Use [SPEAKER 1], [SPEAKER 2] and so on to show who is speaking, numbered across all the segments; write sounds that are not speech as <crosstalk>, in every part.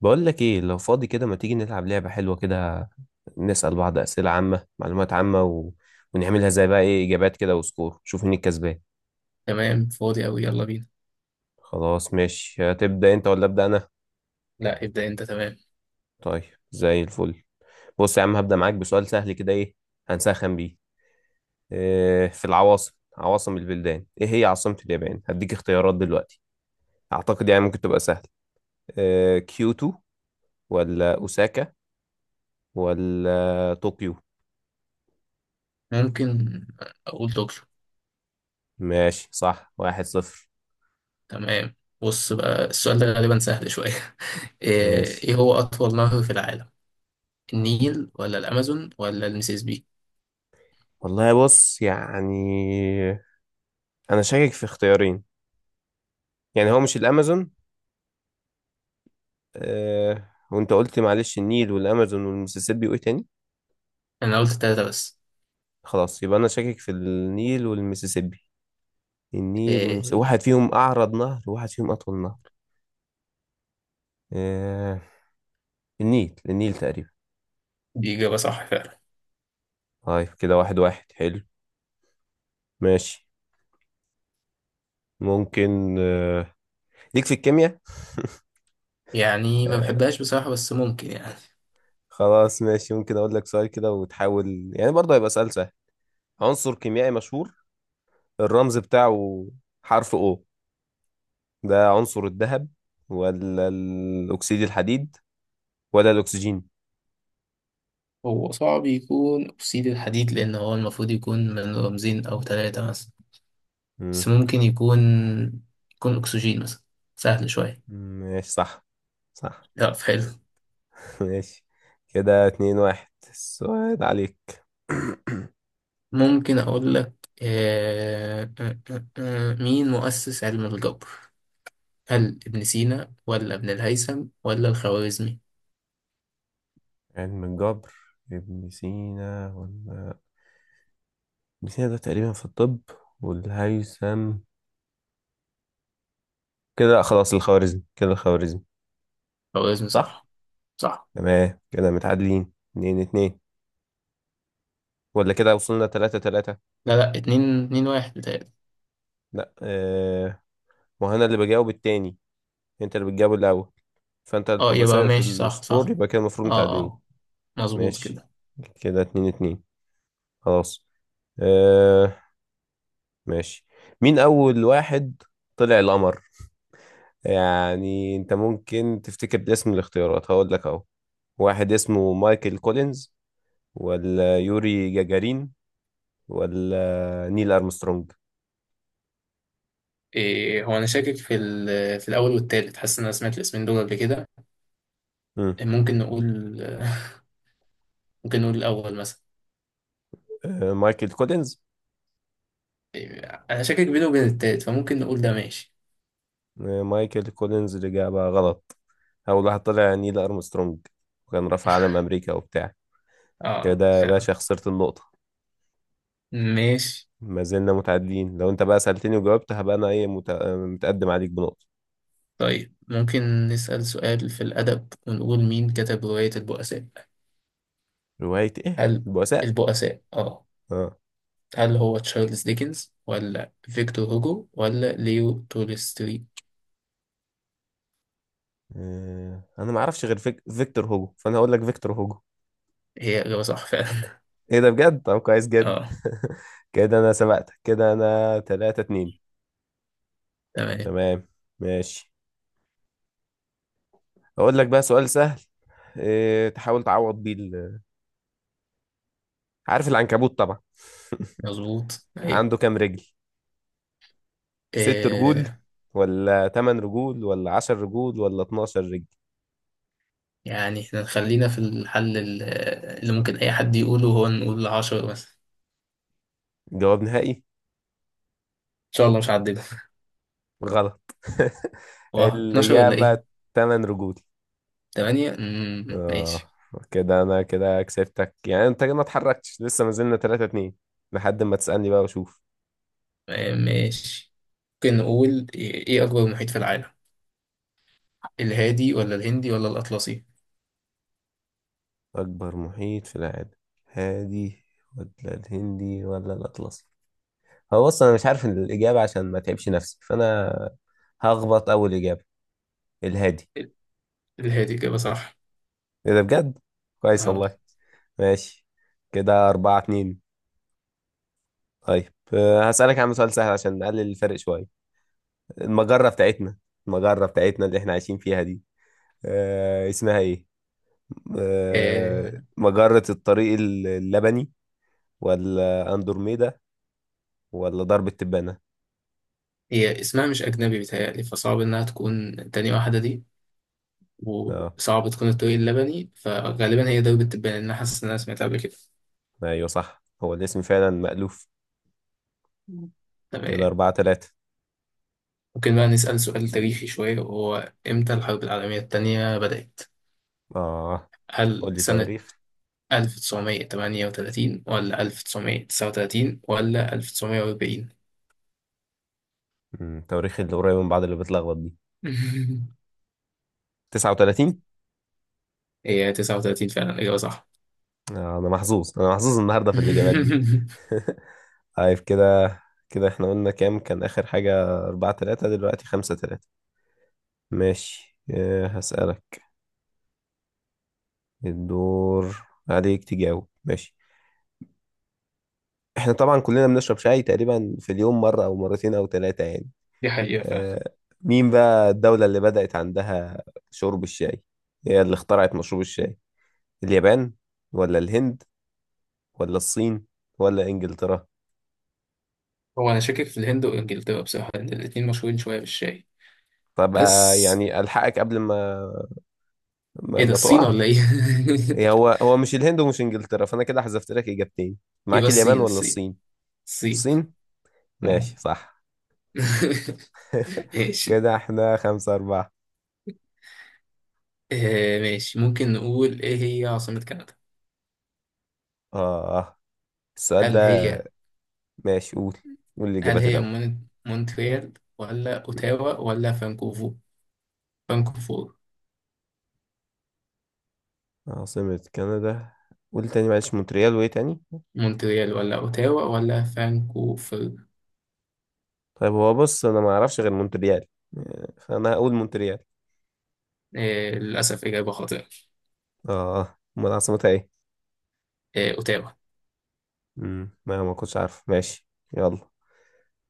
[SPEAKER 1] بقول لك ايه، لو فاضي كده ما تيجي نلعب لعبة حلوة كده؟ نسأل بعض أسئلة عامة، معلومات عامة ونعملها زي بقى ايه إجابات كده وسكور، شوف مين الكسبان.
[SPEAKER 2] تمام. فاضي أوي، يلا بينا.
[SPEAKER 1] خلاص ماشي، هتبدأ انت ولا أبدأ أنا؟
[SPEAKER 2] لا، ابدأ أنت. تمام.
[SPEAKER 1] طيب، زي الفل. بص يا عم، هبدأ معاك بسؤال سهل كده، ايه هنسخن بيه. إيه في العواصم، عواصم البلدان، ايه هي عاصمة اليابان؟ هديك اختيارات دلوقتي، أعتقد يعني ممكن تبقى سهل. إيه، كيوتو ولا أوساكا ولا طوكيو؟
[SPEAKER 2] ممكن أقول دكتور.
[SPEAKER 1] ماشي صح، واحد صفر.
[SPEAKER 2] تمام. بص بقى، السؤال ده غالبا سهل شوية. <laughs> إيه
[SPEAKER 1] ماشي،
[SPEAKER 2] إيه هو أطول نهر في العالم؟ النيل ولا الأمازون ولا المسيسيبي؟
[SPEAKER 1] والله بص يعني انا شاكك في اختيارين. يعني هو مش الامازون. آه، وانت قلت معلش النيل والامازون والمسيسيبي وايه تاني؟
[SPEAKER 2] أنا قلت التلاتة بس.
[SPEAKER 1] خلاص يبقى انا شاكك في النيل والمسيسيبي. النيل
[SPEAKER 2] إيه.
[SPEAKER 1] والمسيسيبي، واحد فيهم اعرض نهر وواحد فيهم اطول نهر. آه، النيل، النيل تقريبا.
[SPEAKER 2] دي إجابة صح فعلا.
[SPEAKER 1] طيب كده واحد واحد، حلو. ماشي، ممكن آه، ليك في الكيمياء؟
[SPEAKER 2] يعني ما
[SPEAKER 1] آه
[SPEAKER 2] بحبهاش بصراحة، بس ممكن يعني.
[SPEAKER 1] خلاص ماشي، ممكن اقول لك سؤال كده وتحاول، يعني برضه هيبقى سؤال سهل. عنصر كيميائي مشهور، الرمز بتاعه حرف O، ده عنصر الذهب ولا الأكسيد الحديد ولا الأكسجين؟
[SPEAKER 2] هو صعب يكون أكسيد الحديد، لأن هو المفروض يكون من رمزين أو تلاتة مثلا.
[SPEAKER 1] مم.
[SPEAKER 2] بس ممكن يكون أكسجين مثلا، سهل شوية.
[SPEAKER 1] ماشي صح، صح.
[SPEAKER 2] لا، حلو.
[SPEAKER 1] <laughs> ماشي، كده اتنين واحد، السؤال عليك. <coughs> <clears throat>
[SPEAKER 2] ممكن أقول لك مين مؤسس علم الجبر؟ هل ابن سينا ولا ابن الهيثم ولا الخوارزمي؟
[SPEAKER 1] علم الجبر، ابن سينا ولا ابن سينا ده تقريبا في الطب، والهيثم كده لأ، خلاص الخوارزمي، كده الخوارزمي.
[SPEAKER 2] خوارزمي،
[SPEAKER 1] صح.
[SPEAKER 2] صح. صح.
[SPEAKER 1] تمام، كده متعادلين اتنين اتنين ولا كده وصلنا تلاتة تلاتة؟
[SPEAKER 2] لا، لا، اتنين اتنين واحد بتهيألي.
[SPEAKER 1] لا اه، وهنا اللي بجاوب التاني، انت اللي بتجاوب الأول، فانت اللي
[SPEAKER 2] اه،
[SPEAKER 1] بتبقى
[SPEAKER 2] يبقى
[SPEAKER 1] سابق في
[SPEAKER 2] ماشي، صح،
[SPEAKER 1] السكور،
[SPEAKER 2] صح.
[SPEAKER 1] يبقى كده المفروض
[SPEAKER 2] اه،
[SPEAKER 1] متعادلين.
[SPEAKER 2] اه، مظبوط
[SPEAKER 1] ماشي
[SPEAKER 2] كده.
[SPEAKER 1] كده اتنين اتنين، خلاص. آه ماشي، مين اول واحد طلع القمر؟ يعني انت ممكن تفتكر باسم الاختيارات، هقول لك اهو. واحد اسمه مايكل كولينز، ولا يوري جاجارين، ولا نيل ارمسترونج؟
[SPEAKER 2] إيه، هو أنا شاكك في الأول والتالت، حاسس إن أنا سمعت الاسمين دول قبل كده.
[SPEAKER 1] مم.
[SPEAKER 2] ممكن نقول ممكن نقول الأول مثلا.
[SPEAKER 1] آه مايكل كولينز.
[SPEAKER 2] إيه، أنا شاكك بينه وبين التالت، فممكن نقول ده. ماشي.
[SPEAKER 1] آه مايكل كولينز، الاجابه غلط. اول واحد طلع نيل ارمسترونج، وكان رفع علم امريكا وبتاع.
[SPEAKER 2] اه،
[SPEAKER 1] كده يا باشا خسرت النقطة.
[SPEAKER 2] ماشي.
[SPEAKER 1] ما زلنا متعادلين، لو انت بقى سألتني وجاوبت هبقى انا ايه متقدم عليك بنقطة.
[SPEAKER 2] طيب، ممكن نسأل سؤال في الأدب ونقول: مين كتب رواية البؤساء؟
[SPEAKER 1] رواية ايه،
[SPEAKER 2] هل
[SPEAKER 1] البؤساء؟
[SPEAKER 2] البؤساء، اه.
[SPEAKER 1] اه.
[SPEAKER 2] هل هو تشارلز ديكنز ولا فيكتور هوجو ولا ليو تولستوي؟
[SPEAKER 1] آه، انا ما اعرفش غير فيكتور هوجو، فانا هقول لك فيكتور هوجو.
[SPEAKER 2] هي إجابة صح فعلا.
[SPEAKER 1] ايه ده بجد؟ طب كويس
[SPEAKER 2] <laughs>
[SPEAKER 1] جدا.
[SPEAKER 2] اه،
[SPEAKER 1] <laughs> كده انا سبقتك، كده انا 3 2.
[SPEAKER 2] تمام،
[SPEAKER 1] تمام ماشي، اقول لك بقى سؤال سهل إيه تحاول تعوض بيه عارف العنكبوت طبعا.
[SPEAKER 2] مظبوط،
[SPEAKER 1] <laughs>
[SPEAKER 2] أيوه.
[SPEAKER 1] عنده كام رجل؟ ست رجول
[SPEAKER 2] آه
[SPEAKER 1] ولا تمن رجول ولا عشر رجول ولا 12 رجل؟
[SPEAKER 2] يعني احنا خلينا في الحل اللي ممكن أي حد يقوله، هو نقول عشرة مثلا.
[SPEAKER 1] جواب نهائي؟
[SPEAKER 2] إن شاء الله مش هعدلها.
[SPEAKER 1] غلط. <laughs>
[SPEAKER 2] واه، 12 ولا
[SPEAKER 1] الإجابة
[SPEAKER 2] إيه؟
[SPEAKER 1] تمن رجول.
[SPEAKER 2] 8.
[SPEAKER 1] اه،
[SPEAKER 2] ماشي.
[SPEAKER 1] كده أنا كده كسبتك، يعني أنت كده ما اتحركتش لسه، ما زلنا 3 2، لحد ما تسألني بقى وأشوف.
[SPEAKER 2] ماشي، ممكن نقول: إيه أكبر محيط في العالم؟ الهادي ولا الهندي ولا الأطلسي؟
[SPEAKER 1] أكبر محيط في العالم، هادي ولا الهندي ولا الأطلسي؟ هو بص أنا مش عارف الإجابة، عشان ما تعبش نفسي فأنا هخبط أول إجابة، الهادي.
[SPEAKER 2] الهادي إجابة صح.
[SPEAKER 1] إيه ده بجد؟ كويس
[SPEAKER 2] أهو.
[SPEAKER 1] والله. ماشي، كده أربعة اتنين. طيب أه، هسألك عن سؤال سهل عشان نقلل الفرق شوية. المجرة بتاعتنا، المجرة بتاعتنا اللي احنا عايشين فيها دي، آه اسمها ايه؟ آه،
[SPEAKER 2] آه،
[SPEAKER 1] مجرة الطريق اللبني ولا اندروميدا ولا درب التبانة؟
[SPEAKER 2] هي اسمها مش أجنبي بيتهيألي، فصعب إنها تكون تاني واحدة دي،
[SPEAKER 1] اه
[SPEAKER 2] وصعب تكون الطريق اللبني، فغالبا هي دوبة التبان، لأن أنا حاسس إن أنا سمعتها قبل كده.
[SPEAKER 1] ايوه صح، هو الاسم فعلا مألوف.
[SPEAKER 2] مم.
[SPEAKER 1] كده
[SPEAKER 2] تمام.
[SPEAKER 1] أربعة تلاتة.
[SPEAKER 2] ممكن بقى نسأل سؤال تاريخي شوية، وهو إمتى الحرب العالمية التانية بدأت؟
[SPEAKER 1] اه،
[SPEAKER 2] هل
[SPEAKER 1] قول لي
[SPEAKER 2] سنة
[SPEAKER 1] تواريخ.
[SPEAKER 2] 1938 ولا 1939 ولا 1940؟
[SPEAKER 1] مم، التواريخ اللي قريبة من بعض اللي بتلخبط دي.
[SPEAKER 2] <laughs>
[SPEAKER 1] 39.
[SPEAKER 2] هي 39 فعلا إجابة صح.
[SPEAKER 1] آه انا محظوظ، انا محظوظ النهارده في الإجابات دي.
[SPEAKER 2] <laughs>
[SPEAKER 1] <laughs> طيب كده، كده احنا قلنا كام كان آخر حاجة؟ أربعة تلاتة، دلوقتي خمسة تلاتة. ماشي آه، هسألك. الدور عليك تجاوب، ماشي. احنا طبعا كلنا بنشرب شاي تقريبا في اليوم مرة او مرتين او ثلاثة يعني.
[SPEAKER 2] دي حقيقة فعلا.
[SPEAKER 1] آه، مين بقى الدولة اللي بدأت عندها شرب الشاي، هي اللي اخترعت مشروب الشاي؟ اليابان ولا الهند ولا الصين ولا انجلترا؟
[SPEAKER 2] هو أنا شاكك في الهند وإنجلترا بصراحة، لأن الاتنين مشهورين شوية بالشاي.
[SPEAKER 1] طب آه،
[SPEAKER 2] بس
[SPEAKER 1] يعني الحقك قبل ما
[SPEAKER 2] إيه ده،
[SPEAKER 1] ما
[SPEAKER 2] الصين
[SPEAKER 1] تقع.
[SPEAKER 2] ولا إيه؟
[SPEAKER 1] إيه
[SPEAKER 2] <laughs>
[SPEAKER 1] هو، هو مش الهند ومش انجلترا، فانا كده حذفت لك اجابتين،
[SPEAKER 2] يبقى
[SPEAKER 1] معاك اليابان
[SPEAKER 2] الصين،
[SPEAKER 1] ولا
[SPEAKER 2] الصين.
[SPEAKER 1] الصين.
[SPEAKER 2] الصين.
[SPEAKER 1] الصين،
[SPEAKER 2] آه.
[SPEAKER 1] ماشي صح.
[SPEAKER 2] <laughs>
[SPEAKER 1] <laughs>
[SPEAKER 2] ماشي.
[SPEAKER 1] كده احنا خمسة أربعة.
[SPEAKER 2] آه، ماشي، ممكن نقول: إيه هي عاصمة كندا؟
[SPEAKER 1] آه، السؤال
[SPEAKER 2] هل
[SPEAKER 1] ده
[SPEAKER 2] هي
[SPEAKER 1] ماشي، قول، قول
[SPEAKER 2] هل
[SPEAKER 1] الإجابات
[SPEAKER 2] هي
[SPEAKER 1] الأول.
[SPEAKER 2] مونتريال ولا أوتاوا ولا فانكوفور؟ فانكوفور.
[SPEAKER 1] عاصمة كندا، قول تاني معلش، مونتريال وإيه تاني؟
[SPEAKER 2] مونتريال ولا أوتاوا ولا فانكوفر؟
[SPEAKER 1] طيب هو بص أنا ما أعرفش غير مونتريال، فأنا هقول مونتريال.
[SPEAKER 2] آه، للأسف إجابة خاطئة.
[SPEAKER 1] آه أمال عاصمتها إيه؟
[SPEAKER 2] آه، أوتاوا.
[SPEAKER 1] ما كنتش عارف، ماشي. يلا،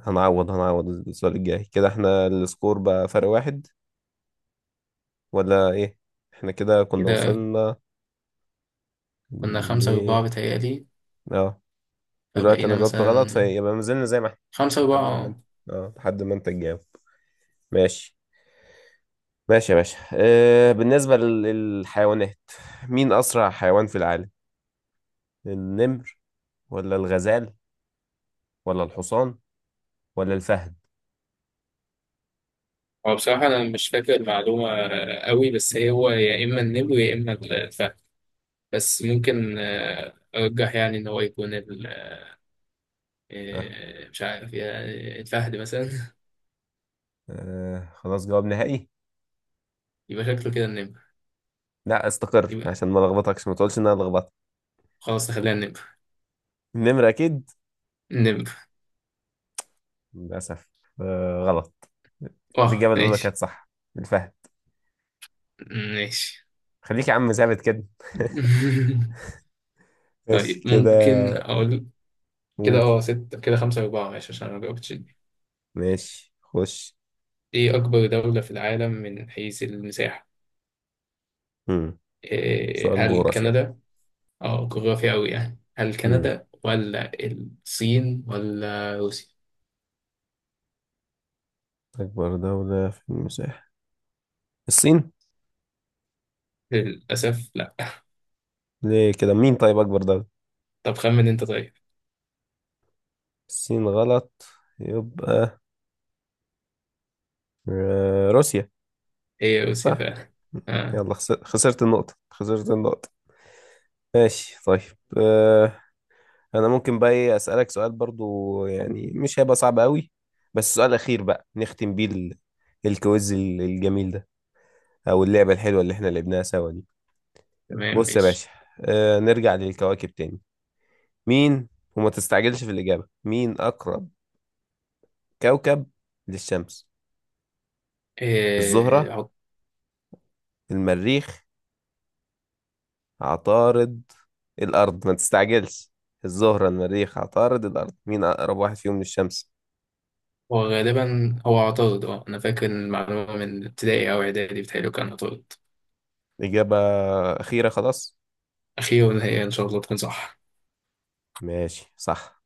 [SPEAKER 1] هنعوض، هنعوض السؤال الجاي. كده احنا السكور بقى فرق واحد ولا إيه؟ احنا كده كنا
[SPEAKER 2] كده
[SPEAKER 1] وصلنا
[SPEAKER 2] كنا
[SPEAKER 1] ل
[SPEAKER 2] خمسة أربعة بتهيألي.
[SPEAKER 1] اه، دلوقتي
[SPEAKER 2] فبقينا
[SPEAKER 1] أنا جاوبت غلط
[SPEAKER 2] مثلا
[SPEAKER 1] فيبقى ما زلنا زي ما احنا،
[SPEAKER 2] خمسة أربعة،
[SPEAKER 1] لحد ما انت،
[SPEAKER 2] اه.
[SPEAKER 1] اه لحد ما انت تجاوب. ماشي. ماشي يا باشا، أه بالنسبة للحيوانات، مين أسرع حيوان في العالم؟ النمر ولا الغزال ولا الحصان ولا الفهد؟
[SPEAKER 2] هو بصراحة أنا مش فاكر المعلومة قوي، بس هي هو يا إما النمر يا إما الفهد. بس ممكن أرجح يعني إن هو يكون
[SPEAKER 1] أه.
[SPEAKER 2] مش عارف يعني، الفهد مثلا.
[SPEAKER 1] أه خلاص، جواب نهائي؟
[SPEAKER 2] <laughs> يبقى شكله كده النمر.
[SPEAKER 1] لا استقر،
[SPEAKER 2] يبقى
[SPEAKER 1] عشان ما لخبطكش ما تقولش إن أنا لخبطت.
[SPEAKER 2] خلاص، نخليها النمر.
[SPEAKER 1] النمر أكيد؟
[SPEAKER 2] النمر.
[SPEAKER 1] للأسف أه غلط.
[SPEAKER 2] أه،
[SPEAKER 1] الإجابة الأولى كانت
[SPEAKER 2] ماشي.
[SPEAKER 1] صح، الفهد.
[SPEAKER 2] ماشي.
[SPEAKER 1] خليك يا عم ثابت كده. <laughs>
[SPEAKER 2] <laughs>
[SPEAKER 1] ماشي
[SPEAKER 2] طيب،
[SPEAKER 1] كده،
[SPEAKER 2] ممكن أقول. كده
[SPEAKER 1] قول.
[SPEAKER 2] ستة، كده خمسة أربعة، ماشي، عشان أنا مجاوبتش دي.
[SPEAKER 1] ماشي خش.
[SPEAKER 2] إيه أكبر دولة في العالم من حيث المساحة؟
[SPEAKER 1] مم. سؤال
[SPEAKER 2] هل
[SPEAKER 1] جغرافيا.
[SPEAKER 2] كندا. اه، جغرافيا أوي يعني، هل
[SPEAKER 1] مم.
[SPEAKER 2] كندا ولا الصين ولا روسيا؟
[SPEAKER 1] أكبر دولة في المساحة، الصين.
[SPEAKER 2] للأسف لأ.
[SPEAKER 1] ليه كده؟ مين طيب أكبر دولة؟
[SPEAKER 2] طب خمن أنت، طيب.
[SPEAKER 1] الصين غلط، يبقى آه، روسيا.
[SPEAKER 2] هي روسيا
[SPEAKER 1] صح.
[SPEAKER 2] فعلا. آه،
[SPEAKER 1] يلا، خسرت النقطة، خسرت النقطة. ماشي طيب، آه، أنا ممكن بقى إيه أسألك سؤال برضو، يعني مش هيبقى صعب قوي، بس سؤال أخير بقى نختم بيه الكويز الجميل ده، أو اللعبة الحلوة اللي إحنا لعبناها سوا دي.
[SPEAKER 2] تمام،
[SPEAKER 1] بص يا
[SPEAKER 2] ماشي.
[SPEAKER 1] باشا، آه، نرجع للكواكب تاني. مين، وما تستعجلش في الإجابة، مين أقرب كوكب للشمس؟
[SPEAKER 2] إيه
[SPEAKER 1] الزهرة،
[SPEAKER 2] عط-
[SPEAKER 1] المريخ، عطارد، الأرض، ما تستعجلش. الزهرة، المريخ، عطارد، الأرض، مين أقرب واحد فيهم للشمس؟
[SPEAKER 2] هو غالبا هو عطارد، أنا فاكر المعلومة من ابتدائي أو إعدادي بتهيألي، كان عطارد.
[SPEAKER 1] إجابة أخيرة خلاص؟
[SPEAKER 2] أخيرا، هي إن شاء الله تكون صح.
[SPEAKER 1] ماشي صح.